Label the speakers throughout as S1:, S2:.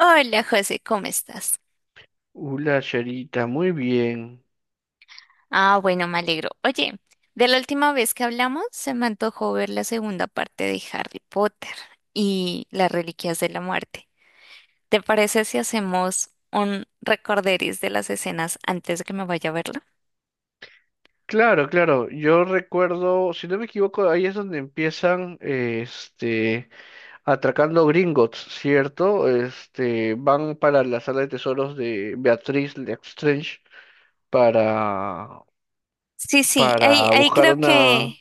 S1: Hola José, ¿cómo estás?
S2: Hola, Charita, muy bien.
S1: Ah, bueno, me alegro. Oye, de la última vez que hablamos, se me antojó ver la segunda parte de Harry Potter y las Reliquias de la Muerte. ¿Te parece si hacemos un recorderis de las escenas antes de que me vaya a verla?
S2: Claro, claro, yo recuerdo, si no me equivoco, ahí es donde empiezan, atracando Gringotts, ¿cierto? Este, van para la sala de tesoros de Beatriz Lestrange para,
S1: Sí, sí, ahí,
S2: para
S1: ahí
S2: buscar
S1: creo que,
S2: una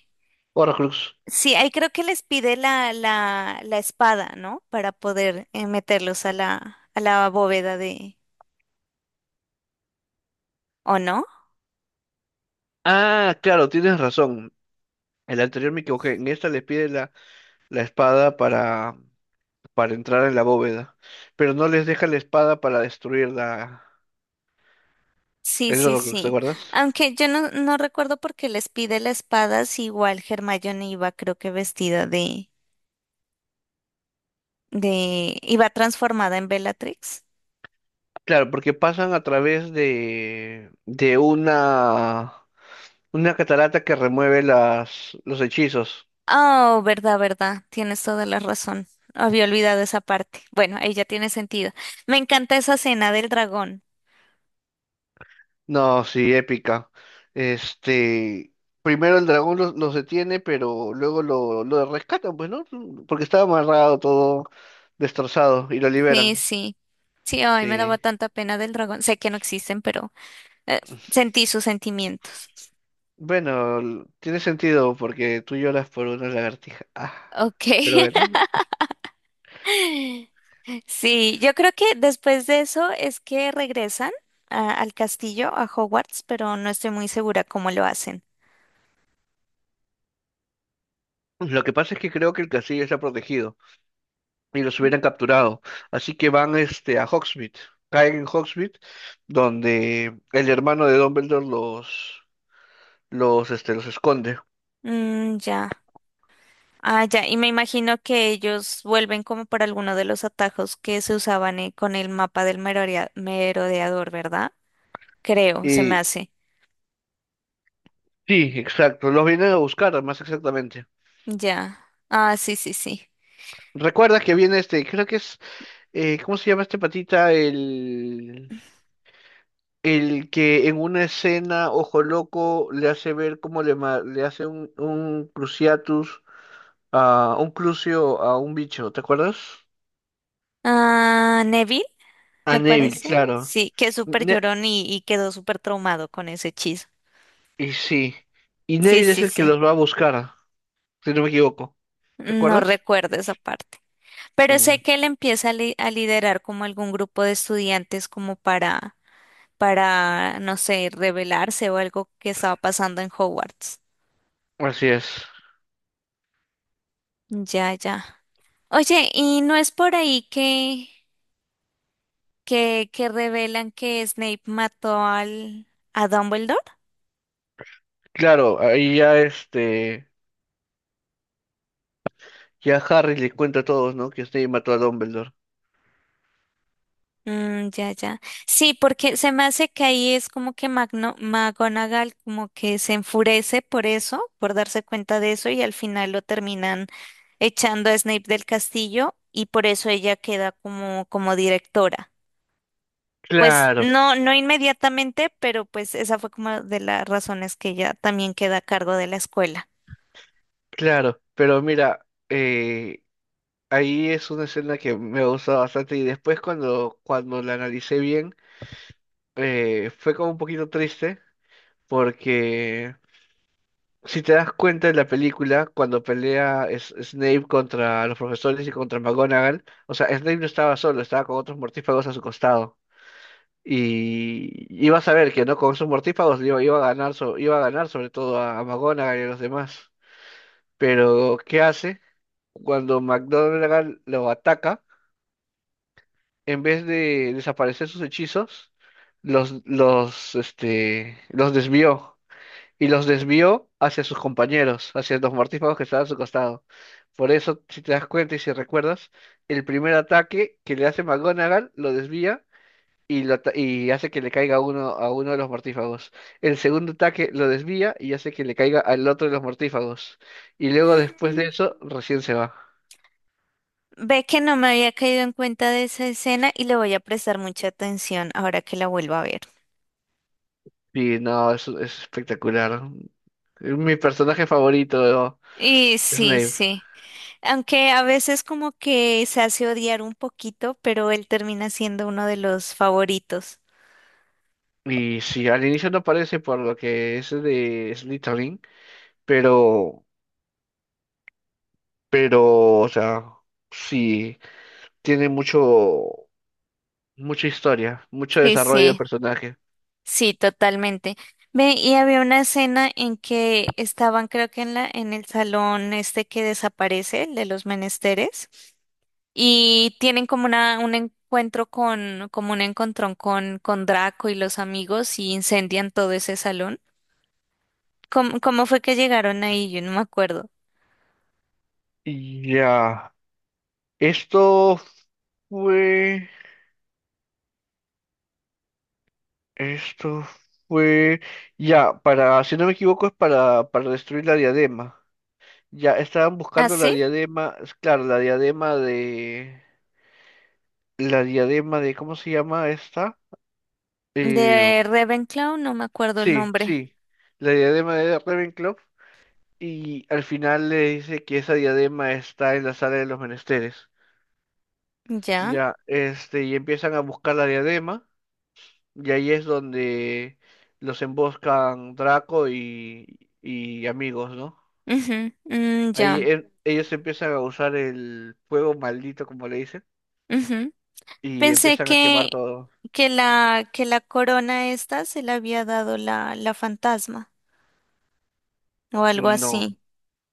S2: Horcrux.
S1: sí, ahí creo que les pide la, la espada, ¿no? Para poder meterlos a la bóveda de, ¿o no?
S2: Ah, claro, tienes razón. El anterior me equivoqué. En esta les pide la espada para entrar en la bóveda, pero no les deja la espada para destruirla.
S1: Sí,
S2: Es
S1: sí,
S2: lo que te
S1: sí.
S2: acuerdas.
S1: Aunque yo no recuerdo por qué les pide la espada, si igual Hermione iba, creo que vestida de, iba transformada en Bellatrix.
S2: Claro, porque pasan a través de una catarata que remueve los hechizos.
S1: Oh, verdad, verdad. Tienes toda la razón. Había olvidado esa parte. Bueno, ahí ya tiene sentido. Me encanta esa escena del dragón.
S2: No, sí, épica. Este, primero el dragón los detiene, pero luego lo rescatan, pues, ¿no? Porque estaba amarrado todo destrozado y lo
S1: Sí,
S2: liberan.
S1: sí. Sí, ay, me daba
S2: Sí.
S1: tanta pena del dragón. Sé que no existen, pero eh, sentí sus sentimientos.
S2: Bueno, tiene sentido porque tú lloras por una lagartija. Ah,
S1: Ok.
S2: pero bueno,
S1: Sí, yo creo que después de eso es que regresan al castillo, a Hogwarts, pero no estoy muy segura cómo lo hacen.
S2: lo que pasa es que creo que el castillo está protegido, y los hubieran capturado. Así que van este, a Hogsmeade, caen en Hogsmeade, donde el hermano de Dumbledore los esconde.
S1: Mm, ya. Ah, ya. Y me imagino que ellos vuelven como por alguno de los atajos que se usaban con el mapa del merodeador, ¿verdad? Creo, se me
S2: Y
S1: hace.
S2: sí, exacto, los vienen a buscar, más exactamente.
S1: Ya. Ah, sí, sí, sí.
S2: Recuerda que viene este, creo que es, ¿cómo se llama este patita? El que en una escena, ojo loco, le hace ver cómo le, le hace un cruciatus, a un crucio a un bicho, ¿te acuerdas?
S1: Ah, Neville,
S2: A
S1: me
S2: Neville,
S1: parece.
S2: claro.
S1: Sí, que es súper
S2: Ne-
S1: llorón y quedó súper traumado con ese hechizo.
S2: Y sí, y
S1: Sí,
S2: Neville es
S1: sí,
S2: el que
S1: sí.
S2: los va a buscar, si no me equivoco. ¿Te
S1: No
S2: acuerdas?
S1: recuerdo esa parte. Pero
S2: Mm,
S1: sé que él empieza a, a liderar como algún grupo de estudiantes como para, no sé, rebelarse o algo que estaba pasando en Hogwarts.
S2: así es.
S1: Ya, ya. Oye, ¿y no es por ahí que, que revelan que Snape mató al, a Dumbledore?
S2: Claro, ahí ya este, ya Harry le cuenta a todos, ¿no? Que Snape mató a Dumbledore.
S1: Mm, ya, ya. Sí, porque se me hace que ahí es como que Magno, McGonagall como que se enfurece por eso, por darse cuenta de eso y al final lo terminan echando a Snape del castillo y por eso ella queda como, como directora. Pues
S2: Claro,
S1: no inmediatamente, pero pues esa fue como de las razones que ella también queda a cargo de la escuela.
S2: claro, pero mira, ahí es una escena que me gusta bastante y después cuando la analicé bien, fue como un poquito triste porque, si te das cuenta en la película, cuando pelea Snape contra los profesores y contra McGonagall, o sea, Snape no estaba solo, estaba con otros mortífagos a su costado. Y ibas a ver que no con esos mortífagos iba a ganar, iba a ganar sobre todo a McGonagall y a los demás. Pero, ¿qué hace? Cuando McGonagall lo ataca, en vez de desaparecer sus hechizos, los desvió. Y los desvió hacia sus compañeros, hacia los mortífagos que estaban a su costado. Por eso, si te das cuenta y si recuerdas, el primer ataque que le hace McGonagall lo desvía y, y hace que le caiga a uno de los mortífagos. El segundo ataque lo desvía y hace que le caiga al otro de los mortífagos. Y luego después de
S1: Mm,
S2: eso, recién se va.
S1: ve que no me había caído en cuenta de esa escena y le voy a prestar mucha atención ahora que la vuelva a ver.
S2: Y no, es espectacular. Es mi personaje favorito,
S1: Y sí,
S2: Snape.
S1: sí. Aunque a veces como que se hace odiar un poquito, pero él termina siendo uno de los favoritos.
S2: Y sí, al inicio no parece por lo que es de Slytherin, pero Pero, o sea, sí, tiene mucho, mucha historia, mucho
S1: Sí,
S2: desarrollo de
S1: sí,
S2: personaje.
S1: sí, totalmente. Ve, y había una escena en que estaban, creo que en la, en el salón este que desaparece, el de los menesteres, y tienen como una, un encuentro con, como un encontrón con Draco y los amigos y incendian todo ese salón. ¿Cómo, cómo fue que llegaron ahí? Yo no me acuerdo.
S2: Y ya, esto fue, esto fue, ya, para, si no me equivoco, es para destruir la diadema. Ya, estaban
S1: ¿Ah,
S2: buscando la
S1: sí?
S2: diadema, es claro, la diadema de, ¿cómo se llama esta? Eh,
S1: De Ravenclaw, no me acuerdo el
S2: sí,
S1: nombre.
S2: sí, la diadema de Ravenclaw, y al final le dice que esa diadema está en la sala de los menesteres.
S1: Ya.
S2: Ya, este, y empiezan a buscar la diadema, y ahí es donde los emboscan Draco y amigos, ¿no?
S1: Ujú, mm, ya.
S2: Ellos empiezan a usar el fuego maldito, como le dicen,
S1: Ujú.
S2: y
S1: Pensé
S2: empiezan a quemar todo.
S1: que la corona esta se la había dado la, la fantasma o algo
S2: No.
S1: así.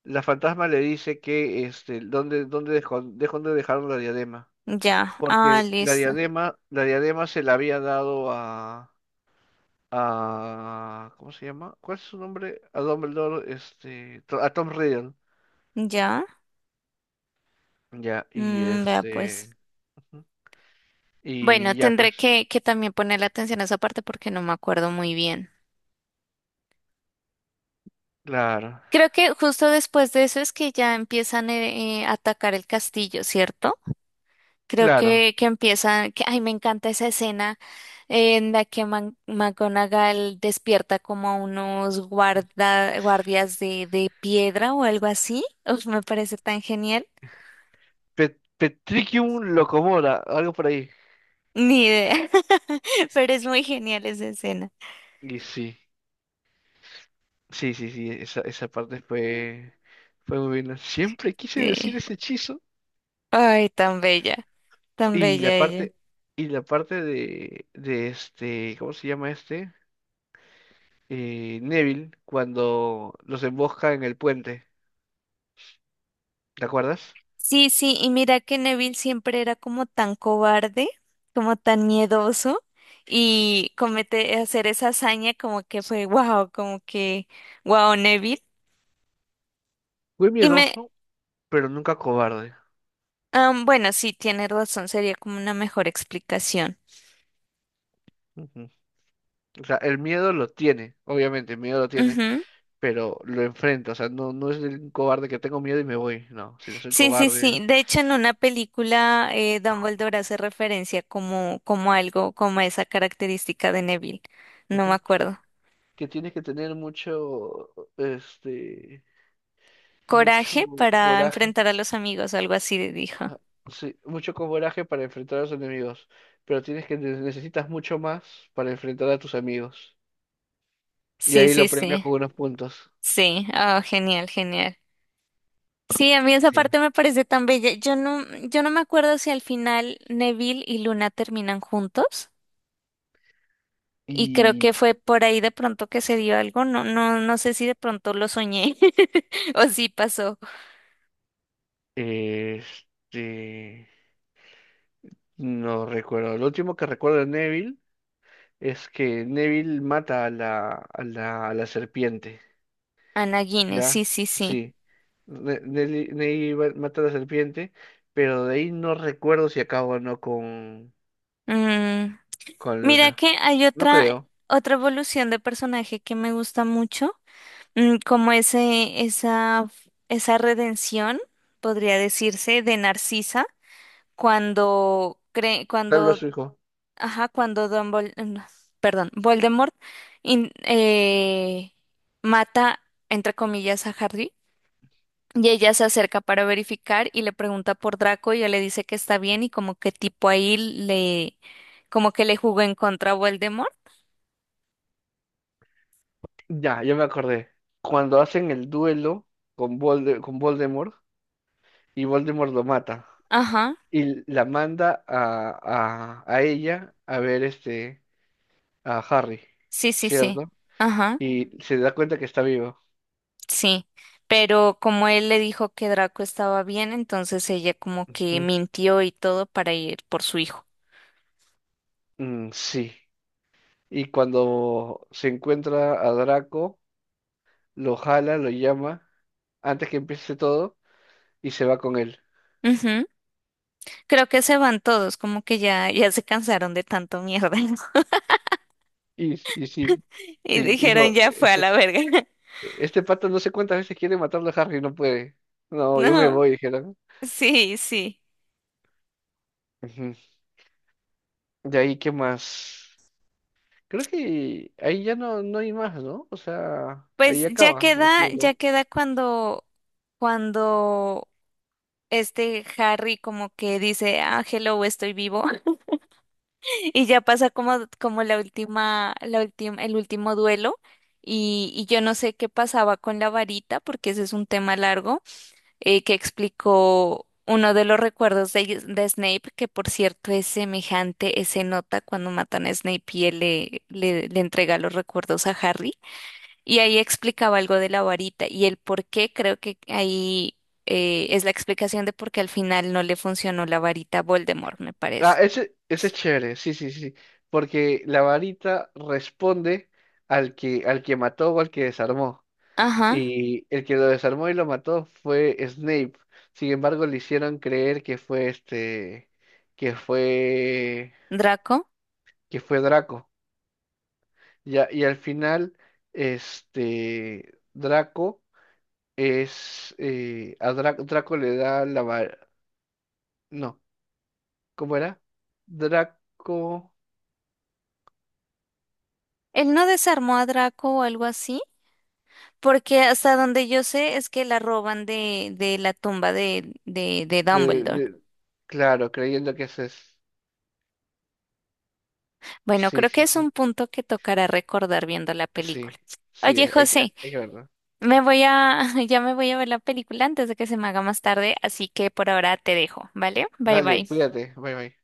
S2: La fantasma le dice que, este, ¿dónde, dónde dejó, dónde dejaron la diadema?
S1: Ya. Ah,
S2: Porque
S1: listo.
S2: la diadema se la había dado a... ¿Cómo se llama? ¿Cuál es su nombre? A Dumbledore, a Tom Riddle.
S1: Ya.
S2: Ya, y
S1: Mm, vea
S2: este...
S1: pues.
S2: Ujú.
S1: Bueno,
S2: Y ya,
S1: tendré
S2: pues.
S1: que también ponerle atención a esa parte porque no me acuerdo muy bien.
S2: Claro,
S1: Creo que justo después de eso es que ya empiezan a atacar el castillo, ¿cierto? Creo
S2: claro.
S1: que empiezan, que, ay, me encanta esa escena en la que McGonagall despierta como a unos guarda, guardias de piedra o algo así. Uf, me parece tan genial.
S2: Petricum Locomoda, algo por ahí.
S1: Ni idea, pero es muy genial esa escena.
S2: Y sí, esa, esa parte fue, fue muy buena. Siempre quise
S1: Sí.
S2: decir ese hechizo.
S1: Ay, tan
S2: Y
S1: bella
S2: la
S1: ella.
S2: parte, y la parte de este, ¿cómo se llama este? Neville, cuando los embosca en el puente, ¿te acuerdas?
S1: Sí, sí, y mira que Neville siempre era como tan cobarde, como tan miedoso, y comete hacer esa hazaña como que fue wow, como que wow, Neville.
S2: Fui
S1: Y me,
S2: miedoso, pero nunca cobarde.
S1: am, bueno, sí, tiene razón, sería como una mejor explicación.
S2: Ujú. O sea, el miedo lo tiene, obviamente, el miedo lo tiene,
S1: Ujú.
S2: pero lo enfrenta. O sea, no, no es el cobarde que tengo miedo y me voy. No, si no soy
S1: Sí, sí, sí.
S2: cobarde.
S1: De hecho, en una película, Dumbledore hace referencia como, como algo, como a esa característica de Neville. No me
S2: Ujú.
S1: acuerdo.
S2: Que tienes que tener mucho, este, mucho
S1: Coraje para
S2: coraje.
S1: enfrentar a los amigos, algo así dijo.
S2: Ah, sí, mucho coraje para enfrentar a los enemigos, pero tienes que necesitas mucho más para enfrentar a tus amigos. Y
S1: Sí,
S2: ahí
S1: sí,
S2: lo premia
S1: sí.
S2: con unos puntos.
S1: Sí, oh, genial, genial. Sí, a mí esa
S2: Sí.
S1: parte me parece tan bella. Yo yo no me acuerdo si al final Neville y Luna terminan juntos y creo
S2: Y
S1: que fue por ahí de pronto que se dio algo. No, no, no sé si de pronto lo soñé o si pasó.
S2: este, no recuerdo. Lo último que recuerdo de Neville es que Neville mata a la, a la, a la serpiente,
S1: Ana Guinness,
S2: ¿ya?
S1: sí, sí, sí.
S2: Sí. Neville mata a la serpiente, pero de ahí no recuerdo si acaba o no con,
S1: Mm,
S2: con
S1: mira
S2: Luna.
S1: que hay
S2: No
S1: otra,
S2: creo.
S1: otra evolución de personaje que me gusta mucho, mm, como ese, esa redención, podría decirse, de Narcisa cuando cree
S2: Tal vez
S1: cuando
S2: su hijo.
S1: ajá cuando Dumbledore, mm, perdón, Voldemort in- eh, mata entre comillas a Harry y ella se acerca para verificar y le pregunta por Draco y ella le dice que está bien y como que tipo ahí le como que le jugó en contra a Voldemort.
S2: Ya, ya me acordé. Cuando hacen el duelo con, con Voldemort, y Voldemort lo mata
S1: Ajá,
S2: y la manda a ella a ver este a Harry,
S1: sí, sí, sí,
S2: ¿cierto?
S1: ajá,
S2: Y se da cuenta que está vivo.
S1: sí, pero como él le dijo que Draco estaba bien entonces ella como que
S2: Ujú.
S1: mintió y todo para ir por su hijo.
S2: Mm, sí. Y cuando se encuentra a Draco, lo jala, lo llama, antes que empiece todo, y se va con él.
S1: Creo que se van todos, como que ya, ya se cansaron de tanto mierda
S2: Y sí,
S1: y
S2: sí,
S1: dijeron
S2: dijo,
S1: ya fue a
S2: este,
S1: la verga.
S2: este pato no sé cuántas veces quiere matarlo a Harry, no puede. No, yo me
S1: No,
S2: voy, dijeron.
S1: sí, sí.
S2: Ujú. De ahí, ¿qué más? Creo que ahí ya no, no hay más, ¿no? O sea,
S1: Pues
S2: ahí acaba, ¿o me
S1: ya
S2: equivoco?
S1: queda cuando, cuando este Harry como que dice, ah, hello, estoy vivo. Y ya pasa como, como la última, el último duelo. Y yo no sé qué pasaba con la varita, porque ese es un tema largo. Que explicó uno de los recuerdos de Snape, que por cierto es semejante, se nota cuando matan a Snape y él le, le, le entrega los recuerdos a Harry. Y ahí explicaba algo de la varita y el por qué, creo que ahí es la explicación de por qué al final no le funcionó la varita a Voldemort, me
S2: Ah,
S1: parece.
S2: ese es chévere, sí, sí, sí, sí. Porque la varita responde al que mató o al que desarmó.
S1: Ajá,
S2: Y el que lo desarmó y lo mató fue Snape. Sin embargo, le hicieron creer que fue este, que fue,
S1: Draco.
S2: que fue Draco. Ya, y al final, este, Draco es, a Dra- Draco le da la varita. No, ¿cómo era? Draco.
S1: Él no desarmó a Draco o algo así, porque hasta donde yo sé es que la roban de la tumba de, de
S2: de-
S1: Dumbledore.
S2: de- claro, creyendo que eso es.
S1: Bueno,
S2: Sí,
S1: creo que
S2: sí,
S1: es un
S2: sí.
S1: punto que tocará recordar viendo la película.
S2: Sí, sí,
S1: Oye, José,
S2: hay que verlo.
S1: me voy a, ya me voy a ver la película antes de que se me haga más tarde, así que por ahora te dejo, ¿vale? Bye
S2: Dale,
S1: bye.
S2: cuídate. Bye, bye.